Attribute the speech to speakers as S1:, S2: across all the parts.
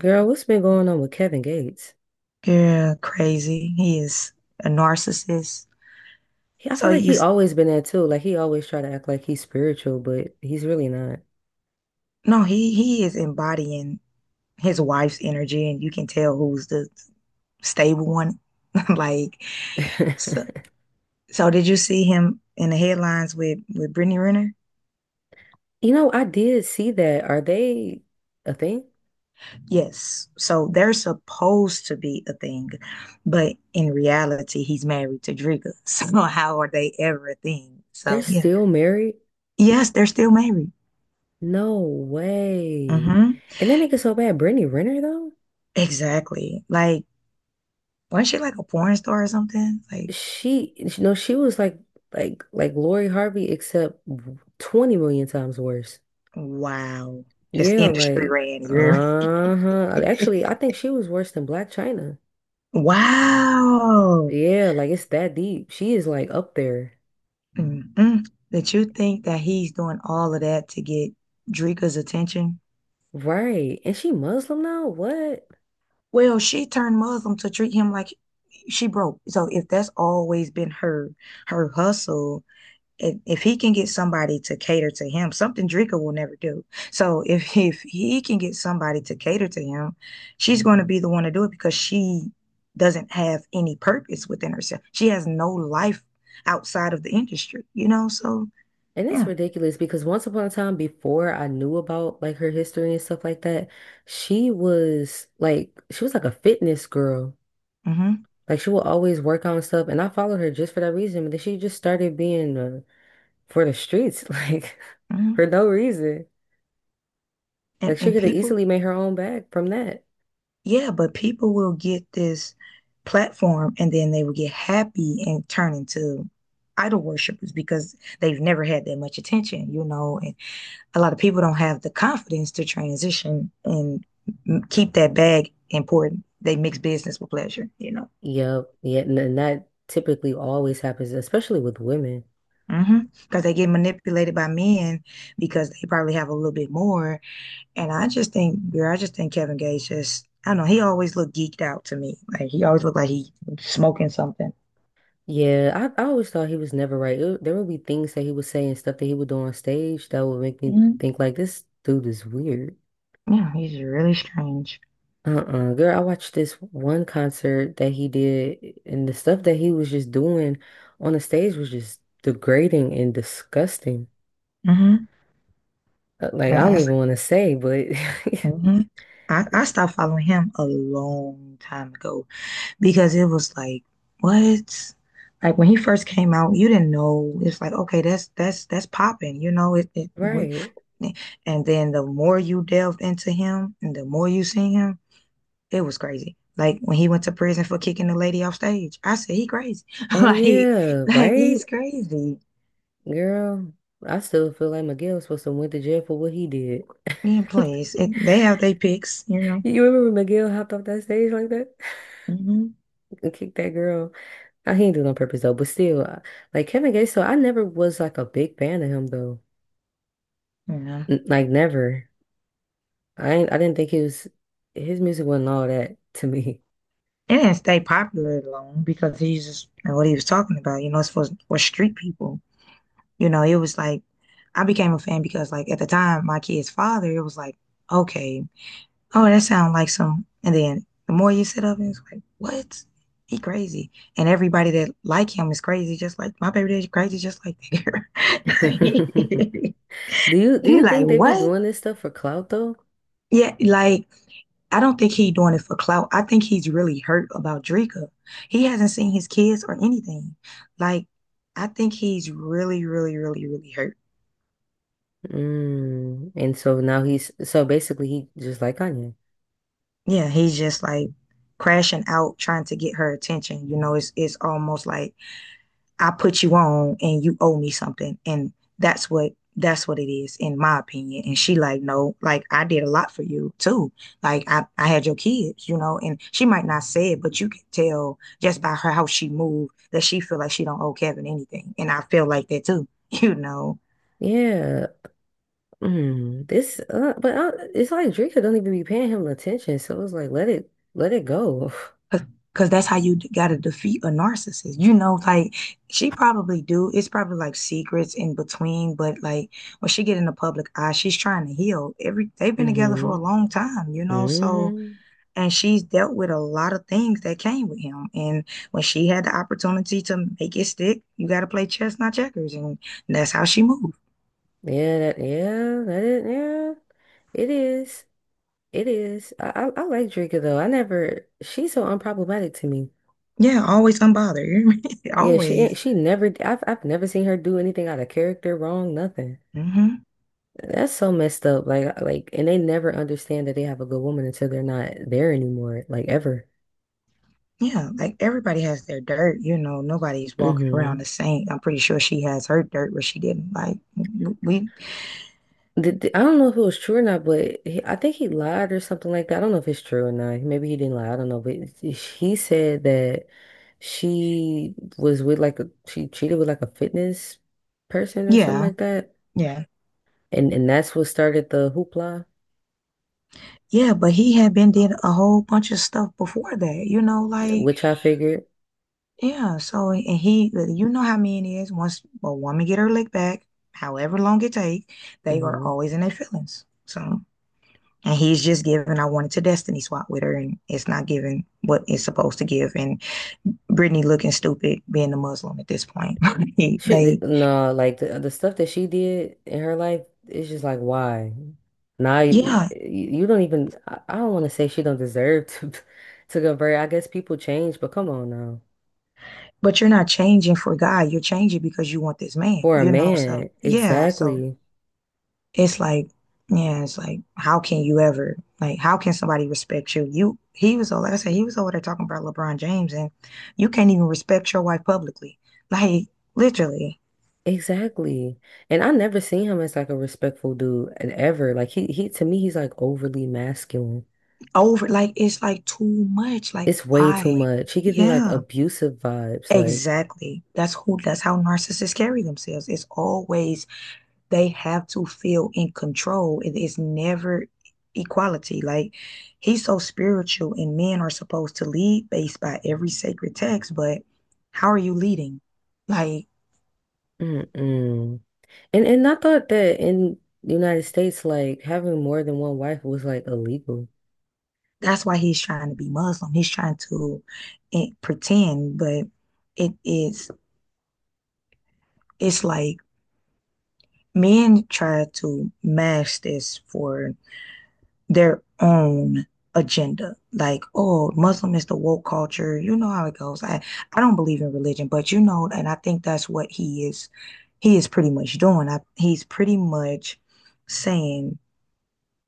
S1: Girl, what's been going on with Kevin Gates?
S2: Yeah, crazy. He is a narcissist.
S1: He, I
S2: So
S1: feel like
S2: you,
S1: he
S2: s-
S1: always been that too. Like he always try to act like he's spiritual, but he's really not.
S2: no, he is embodying his wife's energy, and you can tell who's the stable one. Like, so, so did you see him in the headlines with Brittany Renner?
S1: You know, I did see that. Are they a thing?
S2: Yes. So they're supposed to be a thing, but in reality, he's married to Driga. So how are they ever a thing?
S1: They're
S2: So yeah,
S1: still married?
S2: yes, they're still married.
S1: No way.
S2: Hmm.
S1: And they make it so bad. Brittany Renner though,
S2: Exactly. Like. Wasn't she like a porn star or something? Like,
S1: she, you know, she was like, like Lori Harvey, except 20 million times worse.
S2: wow. Just
S1: Yeah,
S2: industry
S1: like,
S2: ran. You hear
S1: uh-huh.
S2: me?
S1: Actually, I think she was worse than Black China.
S2: Wow.
S1: Yeah, like it's that deep. She is like up there.
S2: Mm-mm. That you think that he's doing all of that to get Drika's attention?
S1: Right. And she Muslim now? What?
S2: Well, she turned Muslim to treat him like she broke. So if that's always been her her hustle if he can get somebody to cater to him, something Drika will never do. So if if he can get somebody to cater to him, she's going to be the one to do it because she doesn't have any purpose within herself. She has no life outside of the industry, you know. So
S1: And it's
S2: yeah,
S1: ridiculous because once upon a time before I knew about like her history and stuff like that, she was like a fitness girl.
S2: hmm,
S1: Like she would always work on stuff and I followed her just for that reason, but then she just started being for the streets like for
S2: hmm,
S1: no reason.
S2: and
S1: Like she
S2: and
S1: could have
S2: people,
S1: easily made her own bag from that.
S2: yeah, but people will get this platform and then they will get happy and turn into idol worshippers because they've never had that much attention, you know, and a lot of people don't have the confidence to transition and keep that bag important. They mix business with pleasure, you know,
S1: Yep. Yeah, and that typically always happens, especially with women.
S2: because, mm-hmm, they get manipulated by men because they probably have a little bit more. And I just think, girl, I just think Kevin Gates just, I don't know, he always looked geeked out to me. Like he always looked like he smoking something.
S1: Yeah, I always thought he was never right. There would be things that he would say and stuff that he would do on stage that would make me
S2: Mm-hmm.
S1: think like this dude is weird.
S2: Yeah, he's really strange.
S1: Uh-uh. Girl, I watched this one concert that he did and the stuff that he was just doing on the stage was just degrading and disgusting.
S2: Mm-hmm.
S1: Like
S2: I,
S1: I don't
S2: I,
S1: even want to say, but
S2: mm-hmm. I stopped following him a long time ago because it was like, what? Like when he first came out, you didn't know. It's like, okay, that's popping, you know. It
S1: right.
S2: And then the more you delved into him and the more you seen him, it was crazy. Like when he went to prison for kicking the lady off stage, I said he crazy.
S1: Oh
S2: Like
S1: yeah, right?
S2: he's crazy.
S1: Girl, I still feel like Miguel was supposed to went to jail for what he did.
S2: Yeah, please. It, they have their picks, you know.
S1: You remember Miguel hopped off that stage like that
S2: Mm-hmm.
S1: and kicked that girl? I he didn't do it on purpose though, but still, like Kevin Gates, so I never was like a big fan of him though.
S2: Yeah.
S1: N like never. I didn't think he was his music wasn't all that to me.
S2: It didn't stay popular long because he's just you know, what he was talking about. You know, it's for street people. You know, it was like I became a fan because like at the time my kid's father, it was like, okay, oh, that sounds like some and then the more you sit up and it's like, what? He crazy. And everybody that like him is crazy, just like my baby daddy crazy just like that girl.
S1: Do you do
S2: He
S1: you
S2: like,
S1: think they be
S2: what?
S1: doing this stuff for clout though?
S2: Yeah, like I don't think he doing it for clout. I think he's really hurt about Drika. He hasn't seen his kids or anything. Like, I think he's really, really, really, really hurt.
S1: Mm. And so now he's so basically he just like Kanye.
S2: Yeah, he's just like crashing out, trying to get her attention. You know, it's almost like I put you on and you owe me something. And that's what it is, in my opinion. And she like, no, like I did a lot for you too. Like I had your kids, you know, and she might not say it, but you can tell just by her how she moved that she feel like she don't owe Kevin anything. And I feel like that too, you know.
S1: Yeah. Mm. This but I, it's like Drake don't even be paying him attention, so it's like let it go.
S2: Cause, 'Cause that's how you gotta defeat a narcissist. You know, like she probably do. It's probably like secrets in between, but like when she get in the public eye, she's trying to heal. Every they've been together for
S1: Mm-hmm.
S2: a long time, you know. So
S1: Mm-hmm.
S2: and she's dealt with a lot of things that came with him. And when she had the opportunity to make it stick, you gotta play chess, not checkers, and that's how she moved.
S1: Yeah, that is. It is. It is. I like Drinker though. I never. She's so unproblematic to me.
S2: Yeah, always unbothered.
S1: Yeah, she ain't.
S2: Always.
S1: She never. I've never seen her do anything out of character, wrong, nothing.
S2: Hmm.
S1: That's so messed up. Like, and they never understand that they have a good woman until they're not there anymore. Like ever.
S2: Yeah, like everybody has their dirt, you know, nobody's walking around
S1: Hmm.
S2: the same. I'm pretty sure she has her dirt where she didn't like w- we
S1: I don't know if it was true or not, but he, I think he lied or something like that. I don't know if it's true or not. Maybe he didn't lie. I don't know. But he said that she was with like a, she cheated with like a fitness person or something
S2: yeah,
S1: like that.
S2: yeah.
S1: And that's what started the hoopla,
S2: Yeah, but he had been did a whole bunch of stuff before that, you know, like
S1: which I figured.
S2: yeah, so and he you know how mean it is once a woman get her lick back, however long it take, they are
S1: Hmm.
S2: always in their feelings. So and he's just giving I wanted to destiny swap with her and it's not giving what it's supposed to give and Britney looking stupid being a Muslim at this point.
S1: Shit,
S2: Like,
S1: no, like the stuff that she did in her life, it's just like, why? Now
S2: yeah,
S1: you don't even, I don't want to say she don't deserve to, to go very, I guess people change, but come on now.
S2: but you're not changing for God. You're changing because you want this man,
S1: For a
S2: you know? So,
S1: man,
S2: yeah. So
S1: exactly.
S2: it's like, yeah, it's like, how can you ever, like, how can somebody respect you? You, he was, like I said, he was over there talking about LeBron James, and you can't even respect your wife publicly. Like, literally,
S1: Exactly. And I never seen him as like a respectful dude and ever. Like he to me he's like overly masculine.
S2: over, like, it's like too much. Like,
S1: It's way too
S2: why?
S1: much. He give me like
S2: Yeah,
S1: abusive vibes. Like,
S2: exactly. That's who, that's how narcissists carry themselves. It's always they have to feel in control. It is never equality. Like he's so spiritual, and men are supposed to lead based by every sacred text, but how are you leading? Like
S1: mm-mm. And I thought that in the United States, like having more than one wife was like illegal.
S2: that's why he's trying to be Muslim. He's trying to pretend, but it is it's like men try to mask this for their own agenda. Like, oh, Muslim is the woke culture. You know how it goes. I don't believe in religion, but you know, and I think that's what he is pretty much doing. He's pretty much saying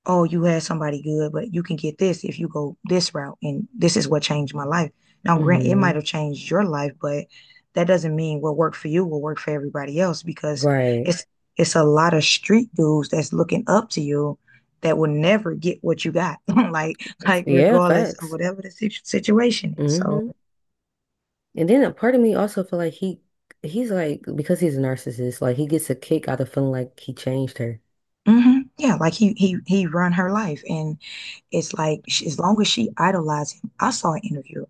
S2: oh, you had somebody good, but you can get this if you go this route. And this is what changed my life. Now, grant it might
S1: Hmm.
S2: have changed your life, but that doesn't mean what worked for you will work for everybody else because
S1: Right.
S2: it's it's a lot of street dudes that's looking up to you that will never get what you got like
S1: Yeah,
S2: regardless of
S1: facts.
S2: whatever the situation is so
S1: Hmm. And then a part of me also feel like he's like because he's a narcissist, like he gets a kick out of feeling like he changed her.
S2: mhm, yeah like he run her life and it's like she, as long as she idolized him I saw an interview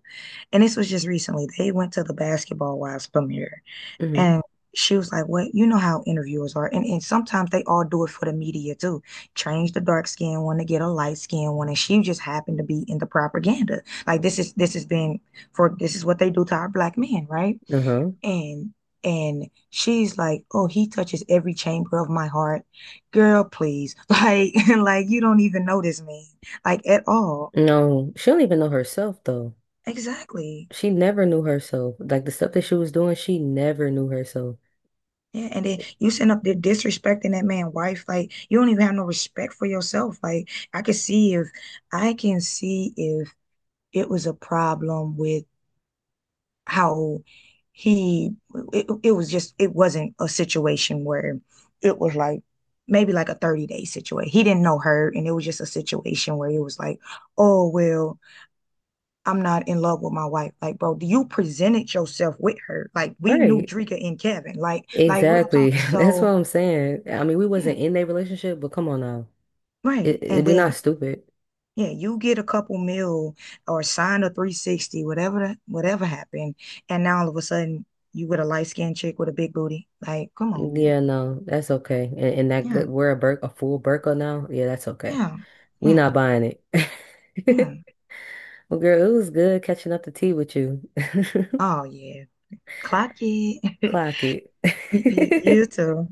S2: and this was just recently. They went to the Basketball Wives premiere,
S1: Hmm.
S2: and she was like, "What? You know how interviewers are, and sometimes they all do it for the media too. Change the dark skin one to get a light skin one, and she just happened to be in the propaganda. Like this has been for this is what they do to our black men, right?
S1: Uh-huh.
S2: And and she's like, "Oh, he touches every chamber of my heart, girl. Please, like, like you don't even know this man, like at all.
S1: No, she don't even know herself though.
S2: Exactly.
S1: She never knew herself. Like the stuff that she was doing, she never knew herself.
S2: Yeah, and then you send up there disrespecting that man' wife. Like you don't even have no respect for yourself. Like I can see if I can see if it was a problem with how he it, it was just it wasn't a situation where it was like maybe like a 30-day situation. He didn't know her and it was just a situation where it was like, oh well, I'm not in love with my wife. Like, bro, you presented yourself with her. Like we knew
S1: Right.
S2: Drika and Kevin. Like real talk.
S1: Exactly. That's what
S2: So
S1: I'm saying. I mean, we
S2: yeah.
S1: wasn't in that relationship, but come on now.
S2: Right. And
S1: We not
S2: then,
S1: stupid.
S2: yeah, you get a couple mil or sign a 360, whatever whatever happened, and now all of a sudden you with a light-skinned chick with a big booty. Like, come on, man.
S1: Yeah, no, that's okay. And that
S2: Yeah,
S1: good, we're a bur a full burqa now. Yeah, that's okay.
S2: yeah,
S1: We
S2: yeah,
S1: not buying it.
S2: yeah.
S1: Well, girl, it was good catching up the tea with you.
S2: Oh yeah. Clock it.
S1: Clock
S2: You
S1: it.
S2: too.